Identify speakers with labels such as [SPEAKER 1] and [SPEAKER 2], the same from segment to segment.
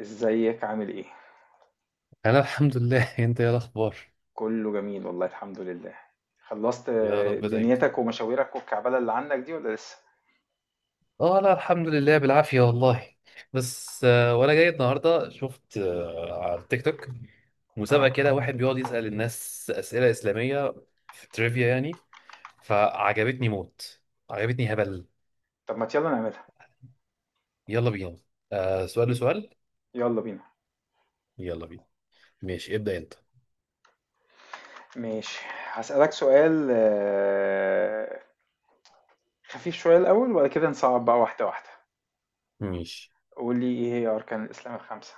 [SPEAKER 1] ازيك عامل ايه؟
[SPEAKER 2] انا الحمد لله. انت ايه الاخبار؟
[SPEAKER 1] كله جميل والله الحمد لله. خلصت.
[SPEAKER 2] يا رب دايما.
[SPEAKER 1] دنيتك ومشاويرك والكعبلة اللي عندك دي ولا لسه؟
[SPEAKER 2] اه، لا الحمد لله بالعافيه والله. بس، وانا جاي النهارده شفت، على التيك توك مسابقه
[SPEAKER 1] اه.
[SPEAKER 2] كده، واحد بيقعد يسال الناس اسئله اسلاميه. في تريفيا يعني. فعجبتني موت. عجبتني هبل.
[SPEAKER 1] طب ما يلا نعملها.
[SPEAKER 2] يلا بينا. آه، سؤال لسؤال.
[SPEAKER 1] يلا بينا.
[SPEAKER 2] يلا بينا. ماشي، ابدا انت.
[SPEAKER 1] ماشي، هسألك سؤال خفيف شوية الأول وبعد كده نصعب بقى واحدة واحدة.
[SPEAKER 2] ماشي.
[SPEAKER 1] قول لي ايه هي أركان الإسلام الخمسة؟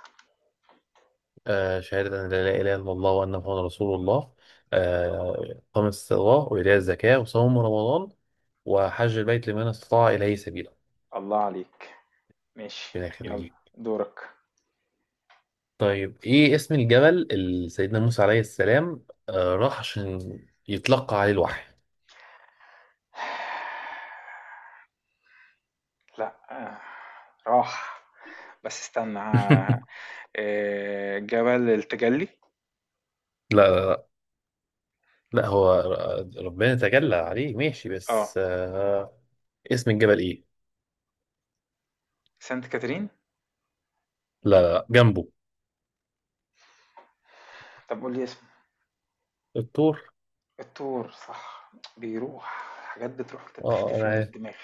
[SPEAKER 2] شهادة أن لا إله إلا الله وأن محمد رسول الله. إقام الصلاة وإيتاء الزكاة وصوم رمضان، وحج البيت لمن استطاع إليه سبيلا.
[SPEAKER 1] الله عليك. ماشي.
[SPEAKER 2] إلى
[SPEAKER 1] يلا
[SPEAKER 2] آخره.
[SPEAKER 1] دورك.
[SPEAKER 2] طيب، إيه اسم الجبل اللي سيدنا موسى عليه السلام راح عشان يتلقى عليه الوحي؟
[SPEAKER 1] لا، راح. بس استنى جبل التجلي.
[SPEAKER 2] لا لا لا. لا، هو ربنا تجلى عليه ماشي،
[SPEAKER 1] اه.
[SPEAKER 2] بس اسم الجبل إيه؟
[SPEAKER 1] سانت كاترين.
[SPEAKER 2] لا لا لا، جنبه.
[SPEAKER 1] طب قول لي اسمه.
[SPEAKER 2] الطور.
[SPEAKER 1] الطور صح. بيروح. حاجات بتروح كده
[SPEAKER 2] اه،
[SPEAKER 1] بتختفي من
[SPEAKER 2] انا.
[SPEAKER 1] الدماغ.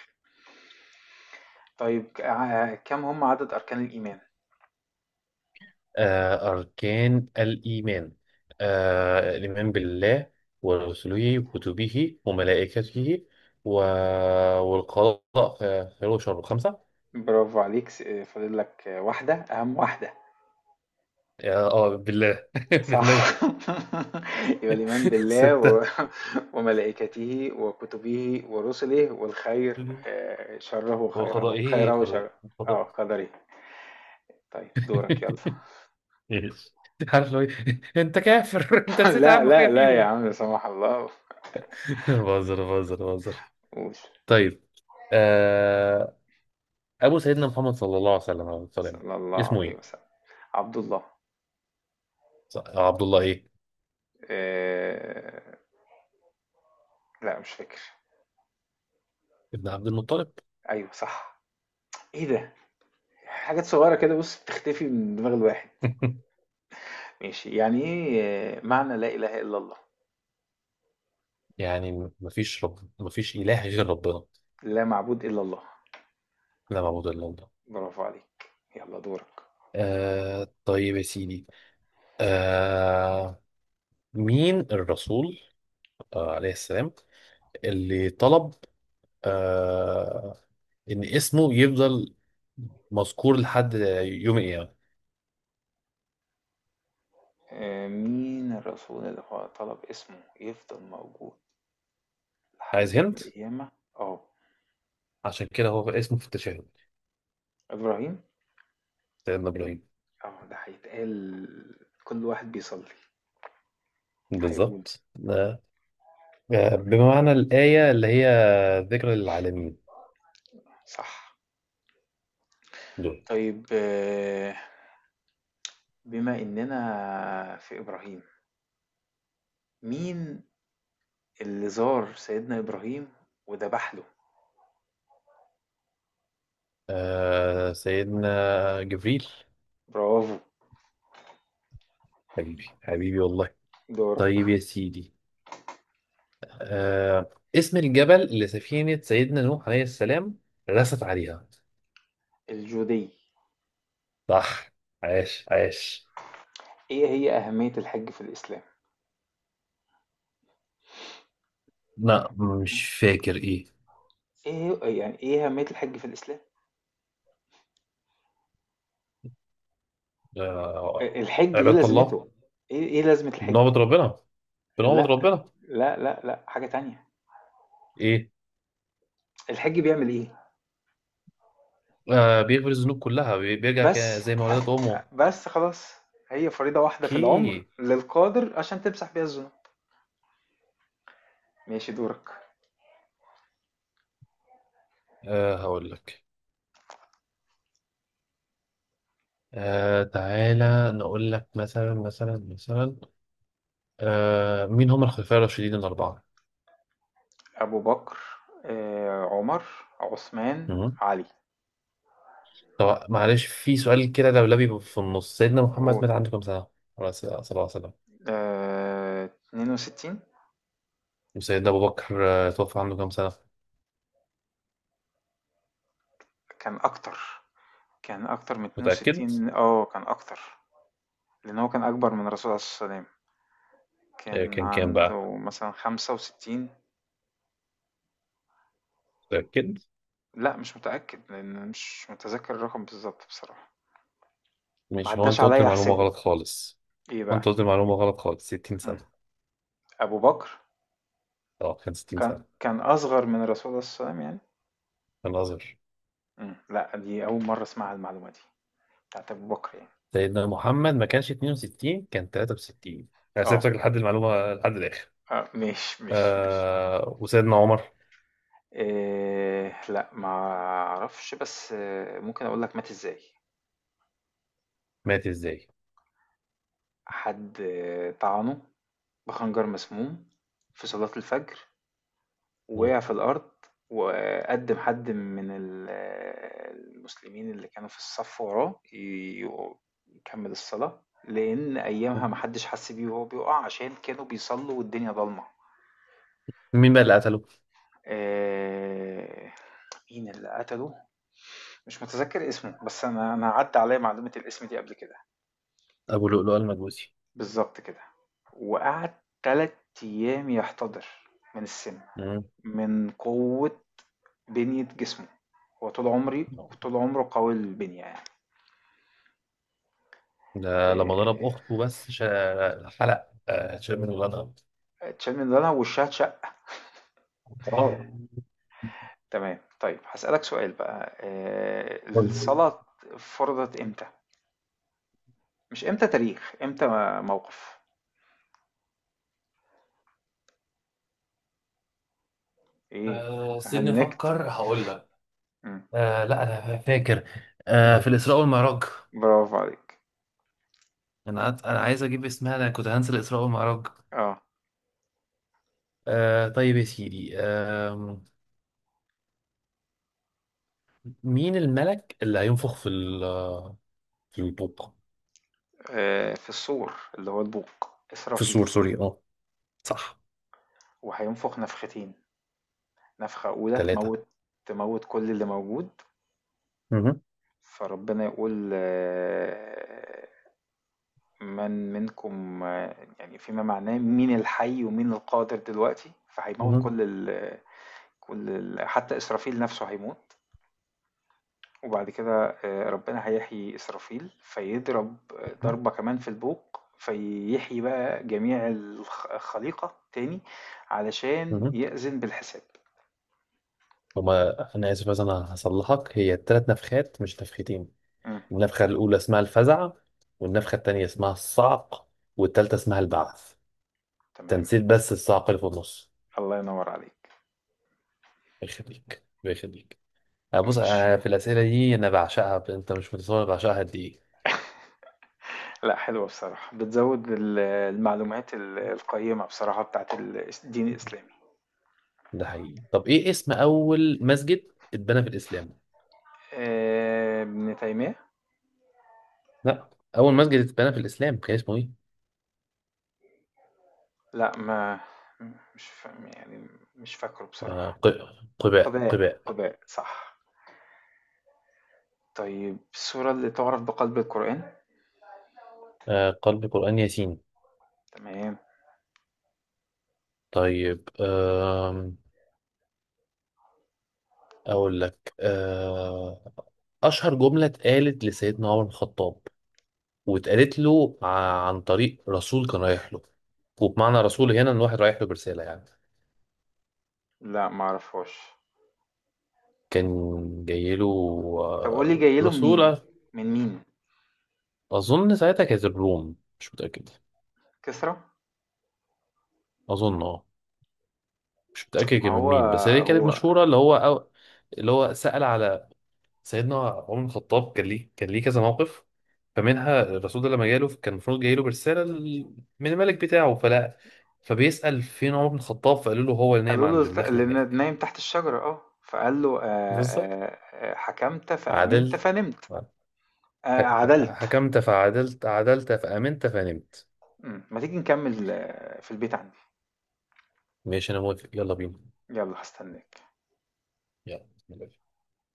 [SPEAKER 1] طيب كم هم عدد أركان الإيمان.
[SPEAKER 2] أركان الإيمان، الإيمان بالله ورسله وكتبه وملائكته و... والقضاء خير وشر. خمسة.
[SPEAKER 1] برافو عليك، فاضل لك واحدة أهم واحدة.
[SPEAKER 2] بالله.
[SPEAKER 1] صح.
[SPEAKER 2] بالله.
[SPEAKER 1] يبقى الإيمان بالله
[SPEAKER 2] ستة.
[SPEAKER 1] وملائكته وكتبه ورسله والخير. شره خيره
[SPEAKER 2] وقضائه
[SPEAKER 1] خيره شره.
[SPEAKER 2] خير.
[SPEAKER 1] اه
[SPEAKER 2] قضاء.
[SPEAKER 1] قدره. طيب دورك يلا.
[SPEAKER 2] إيش؟ عارف لو إيه؟ أنت كافر! أنت نسيت
[SPEAKER 1] لا
[SPEAKER 2] أهم حاجة
[SPEAKER 1] لا لا يا
[SPEAKER 2] فيهم.
[SPEAKER 1] عم، لا سمح الله.
[SPEAKER 2] بهزر بهزر بهزر.
[SPEAKER 1] قول.
[SPEAKER 2] طيب. آه، أبو سيدنا محمد صلى الله عليه وسلم.
[SPEAKER 1] صلى الله
[SPEAKER 2] اسمه
[SPEAKER 1] عليه
[SPEAKER 2] إيه؟
[SPEAKER 1] وسلم. عبد الله.
[SPEAKER 2] عبد الله إيه؟
[SPEAKER 1] آه... لا مش فاكر.
[SPEAKER 2] ابن عبد المطلب.
[SPEAKER 1] ايوه صح. ايه ده. حاجات صغيره كده بص بتختفي من دماغ الواحد. ماشي، يعني ايه معنى لا اله الا الله.
[SPEAKER 2] يعني مفيش رب، مفيش إله غير ربنا.
[SPEAKER 1] لا معبود الا الله.
[SPEAKER 2] لا معبود إلا الله.
[SPEAKER 1] برافو عليك، يلا دورك.
[SPEAKER 2] طيب يا سيدي، آه مين الرسول، عليه السلام، اللي طلب آه إن اسمه يفضل مذكور لحد يوم القيامة؟
[SPEAKER 1] مين الرسول اللي هو طلب اسمه يفضل موجود لحد
[SPEAKER 2] عايز هند.
[SPEAKER 1] يوم القيامة. اه،
[SPEAKER 2] عشان كده هو اسمه في التشهد.
[SPEAKER 1] ابراهيم.
[SPEAKER 2] سيدنا إبراهيم.
[SPEAKER 1] اه ده هيتقال كل واحد بيصلي هيقول.
[SPEAKER 2] بالظبط. آه
[SPEAKER 1] تمام.
[SPEAKER 2] بمعنى الآية اللي هي ذكر للعالمين.
[SPEAKER 1] صح.
[SPEAKER 2] دول.
[SPEAKER 1] طيب، بما اننا في ابراهيم، مين اللي زار سيدنا إبراهيم وذبح له.
[SPEAKER 2] سيدنا جبريل.
[SPEAKER 1] برافو.
[SPEAKER 2] حبيبي حبيبي والله.
[SPEAKER 1] دورك.
[SPEAKER 2] طيب يا سيدي، اسم الجبل اللي سفينة سيدنا نوح عليه السلام رست عليها؟
[SPEAKER 1] الجودية.
[SPEAKER 2] صح. عاش عاش.
[SPEAKER 1] إيه هي أهمية الحج في الإسلام؟
[SPEAKER 2] لا، مش فاكر ايه.
[SPEAKER 1] إيه هي، يعني إيه أهمية الحج في الإسلام؟
[SPEAKER 2] آه،
[SPEAKER 1] الحج إيه
[SPEAKER 2] عبادة الله.
[SPEAKER 1] لازمته؟ إيه إيه لازمة الحج؟
[SPEAKER 2] بنعبد ربنا. بنعبد
[SPEAKER 1] لا.
[SPEAKER 2] ربنا.
[SPEAKER 1] لا لا لا، حاجة تانية.
[SPEAKER 2] ايه؟
[SPEAKER 1] الحج بيعمل إيه؟
[SPEAKER 2] بيغفر الذنوب كلها، بيرجع
[SPEAKER 1] بس.
[SPEAKER 2] زي ما ولدت امه.
[SPEAKER 1] بس خلاص. هي فريضة واحدة في العمر
[SPEAKER 2] اوكي.
[SPEAKER 1] للقادر عشان تمسح بيها الذنوب. ماشي دورك.
[SPEAKER 2] هقول لك. تعالى نقول لك مثلا مثلا مثلا. مين هم الخلفاء الراشدين الأربعة؟
[SPEAKER 1] أبو بكر، عمر، عثمان،
[SPEAKER 2] مهم.
[SPEAKER 1] علي.
[SPEAKER 2] طب معلش، في سؤال كده لولبي في النص: سيدنا محمد
[SPEAKER 1] قول.
[SPEAKER 2] مات عنده كام سنة؟ عليه الصلاة، صلى الله عليه وسلم.
[SPEAKER 1] 62.
[SPEAKER 2] وسيدنا أبو بكر توفى عنده كام سنة؟
[SPEAKER 1] كان أكتر، كان أكتر من
[SPEAKER 2] متأكد؟
[SPEAKER 1] 62، كان أكتر. لأن هو كان أكبر من الرسول عليه الصلاة والسلام، كان
[SPEAKER 2] كان كام بقى؟
[SPEAKER 1] عنده مثلًا 65.
[SPEAKER 2] متأكد؟
[SPEAKER 1] لأ مش متأكد، لأن مش متذكر الرقم بالضبط بصراحة. ما
[SPEAKER 2] مش هو
[SPEAKER 1] عداش
[SPEAKER 2] أنت قلت
[SPEAKER 1] عليَّ
[SPEAKER 2] المعلومة
[SPEAKER 1] أحسبه.
[SPEAKER 2] غلط خالص.
[SPEAKER 1] إيه
[SPEAKER 2] وأنت
[SPEAKER 1] بقى؟
[SPEAKER 2] قلت المعلومة غلط خالص، 60
[SPEAKER 1] إمم.
[SPEAKER 2] سنة.
[SPEAKER 1] أبو بكر
[SPEAKER 2] أه، كان 60
[SPEAKER 1] كان
[SPEAKER 2] سنة.
[SPEAKER 1] كان أصغر من الرسول عليه الصلاة والسلام يعني؟
[SPEAKER 2] كان أصغر.
[SPEAKER 1] لأ دي أول مرة أسمعها المعلومة دي، بتاعة أبو بكر يعني.
[SPEAKER 2] سيدنا محمد ما كانش 62، كان 63. أنا
[SPEAKER 1] آه،
[SPEAKER 2] سبتك لحد المعلومة لحد الآخر.
[SPEAKER 1] ماشي، ماشي، ماشي.
[SPEAKER 2] وسيدنا عمر.
[SPEAKER 1] لأ ما أعرفش، بس ممكن أقول لك مات إزاي.
[SPEAKER 2] مات إزاي؟
[SPEAKER 1] حد طعنه بخنجر مسموم في صلاة الفجر
[SPEAKER 2] مم.
[SPEAKER 1] ووقع في الأرض. وقدم حد من المسلمين اللي كانوا في الصف وراه يكمل الصلاة، لأن أيامها محدش حس بيه وهو بيقع عشان كانوا بيصلوا والدنيا ضلمة.
[SPEAKER 2] مين بقى اللي قتله؟
[SPEAKER 1] آه، مين اللي قتله، مش متذكر اسمه، بس أنا عدى عليا معلومة الاسم دي قبل كده.
[SPEAKER 2] أبو لؤلؤ المجوسي.
[SPEAKER 1] بالظبط كده. وقعد تلات أيام يحتضر من السم، من قوة بنية جسمه. هو طول عمري
[SPEAKER 2] مم.
[SPEAKER 1] طول عمره قوي البنية يعني.
[SPEAKER 2] ده لما ضرب
[SPEAKER 1] آه،
[SPEAKER 2] أخته، بس حلق، شال من ولادها.
[SPEAKER 1] اتشال من دولها وشها اتشق
[SPEAKER 2] اه.
[SPEAKER 1] تمام، طيب هسألك سؤال بقى.
[SPEAKER 2] طيب.
[SPEAKER 1] الصلاة فرضت امتى؟ مش امتى، تاريخ امتى. موقف. ايه.
[SPEAKER 2] سيبني
[SPEAKER 1] هنكت.
[SPEAKER 2] أفكر، هقول لك.
[SPEAKER 1] مم.
[SPEAKER 2] لا، أنا فاكر. في الإسراء والمعراج.
[SPEAKER 1] برافو عليك.
[SPEAKER 2] أنا عايز أجيب اسمها، أنا كنت هنسى الإسراء والمعراج.
[SPEAKER 1] اه،
[SPEAKER 2] طيب يا سيدي، مين الملك اللي هينفخ في البوق؟
[SPEAKER 1] في الصور، اللي هو البوق،
[SPEAKER 2] في
[SPEAKER 1] إسرافيل.
[SPEAKER 2] السور، سوري. اه. صح.
[SPEAKER 1] وهينفخ نفختين. نفخة أولى
[SPEAKER 2] ثلاثة.
[SPEAKER 1] تموت، تموت كل اللي موجود.
[SPEAKER 2] مهم.
[SPEAKER 1] فربنا يقول من منكم، يعني فيما معناه مين الحي ومين القادر دلوقتي. فهيموت
[SPEAKER 2] مهم.
[SPEAKER 1] كل ال، حتى إسرافيل نفسه هيموت. وبعد كده ربنا هيحيي إسرافيل، فيضرب ضربة كمان في البوق فيحيي بقى جميع الخليقة تاني، علشان
[SPEAKER 2] مهم.
[SPEAKER 1] يأذن بالحساب.
[SPEAKER 2] هما، أنا آسف بس أنا هصلحك، هي 3 نفخات مش نفختين.
[SPEAKER 1] مم.
[SPEAKER 2] النفخة الأولى اسمها الفزع، والنفخة التانية اسمها الصعق، والتالتة اسمها البعث.
[SPEAKER 1] تمام.
[SPEAKER 2] تنسيت بس الصعق اللي في النص.
[SPEAKER 1] الله ينور عليك.
[SPEAKER 2] يخليك يخليك. أه، بص،
[SPEAKER 1] ماشي.
[SPEAKER 2] أنا في الأسئلة دي أنا بعشقها، أنت مش متصور أنا بعشقها قد إيه.
[SPEAKER 1] لا حلوة بصراحة، بتزود المعلومات القيمة بصراحة بتاعت الدين الإسلامي.
[SPEAKER 2] ده حقيقي. طب إيه اسم أول مسجد اتبنى في الإسلام؟
[SPEAKER 1] ابن تيمية.
[SPEAKER 2] لا. أول مسجد اتبنى في الإسلام كان اسمه إيه؟
[SPEAKER 1] لا، ما مش فا... يعني، مش فاكره
[SPEAKER 2] آه
[SPEAKER 1] بصراحة.
[SPEAKER 2] ق... قباء
[SPEAKER 1] قباء
[SPEAKER 2] قباء.
[SPEAKER 1] قباء صح. طيب السورة اللي تعرف بقلب القرآن.
[SPEAKER 2] قلب قرآن ياسين.
[SPEAKER 1] تمام.
[SPEAKER 2] طيب. أقول لك. أشهر جملة اتقالت لسيدنا عمر بن الخطاب، واتقالت له عن طريق رسول كان رايح له. وبمعنى رسول هنا، ان واحد رايح له برساله يعني.
[SPEAKER 1] لا ما اعرفهاش.
[SPEAKER 2] كان جاي له
[SPEAKER 1] طب قول لي جاي له منين،
[SPEAKER 2] رسوله.
[SPEAKER 1] من مين.
[SPEAKER 2] اظن ساعتها كانت الروم، مش متاكد.
[SPEAKER 1] كسرى.
[SPEAKER 2] اظن، اه. مش متاكد
[SPEAKER 1] ما
[SPEAKER 2] كان من
[SPEAKER 1] هو
[SPEAKER 2] مين، بس هي كانت
[SPEAKER 1] هو.
[SPEAKER 2] مشهوره. اللي هو، أو اللي هو سال على سيدنا عمر بن الخطاب كان ليه كذا موقف. فمنها الرسول ده لما جاله كان المفروض جاي له برساله من الملك بتاعه فلا. فبيسال فين عمر بن الخطاب، فقالوا له هو اللي نايم
[SPEAKER 1] قالوا له
[SPEAKER 2] عند النخله
[SPEAKER 1] اللي
[SPEAKER 2] هناك.
[SPEAKER 1] نايم تحت الشجرة. اه. فقال له
[SPEAKER 2] بالظبط.
[SPEAKER 1] حكمت فأمنت
[SPEAKER 2] عدلت.
[SPEAKER 1] فنمت. عدلت.
[SPEAKER 2] حكمت فعدلت فأمنت فنمت.
[SPEAKER 1] مم. ما تيجي نكمل في البيت عندي.
[SPEAKER 2] ماشي، أنا موافق، يلا بينا.
[SPEAKER 1] يلا هستناك.
[SPEAKER 2] يلا.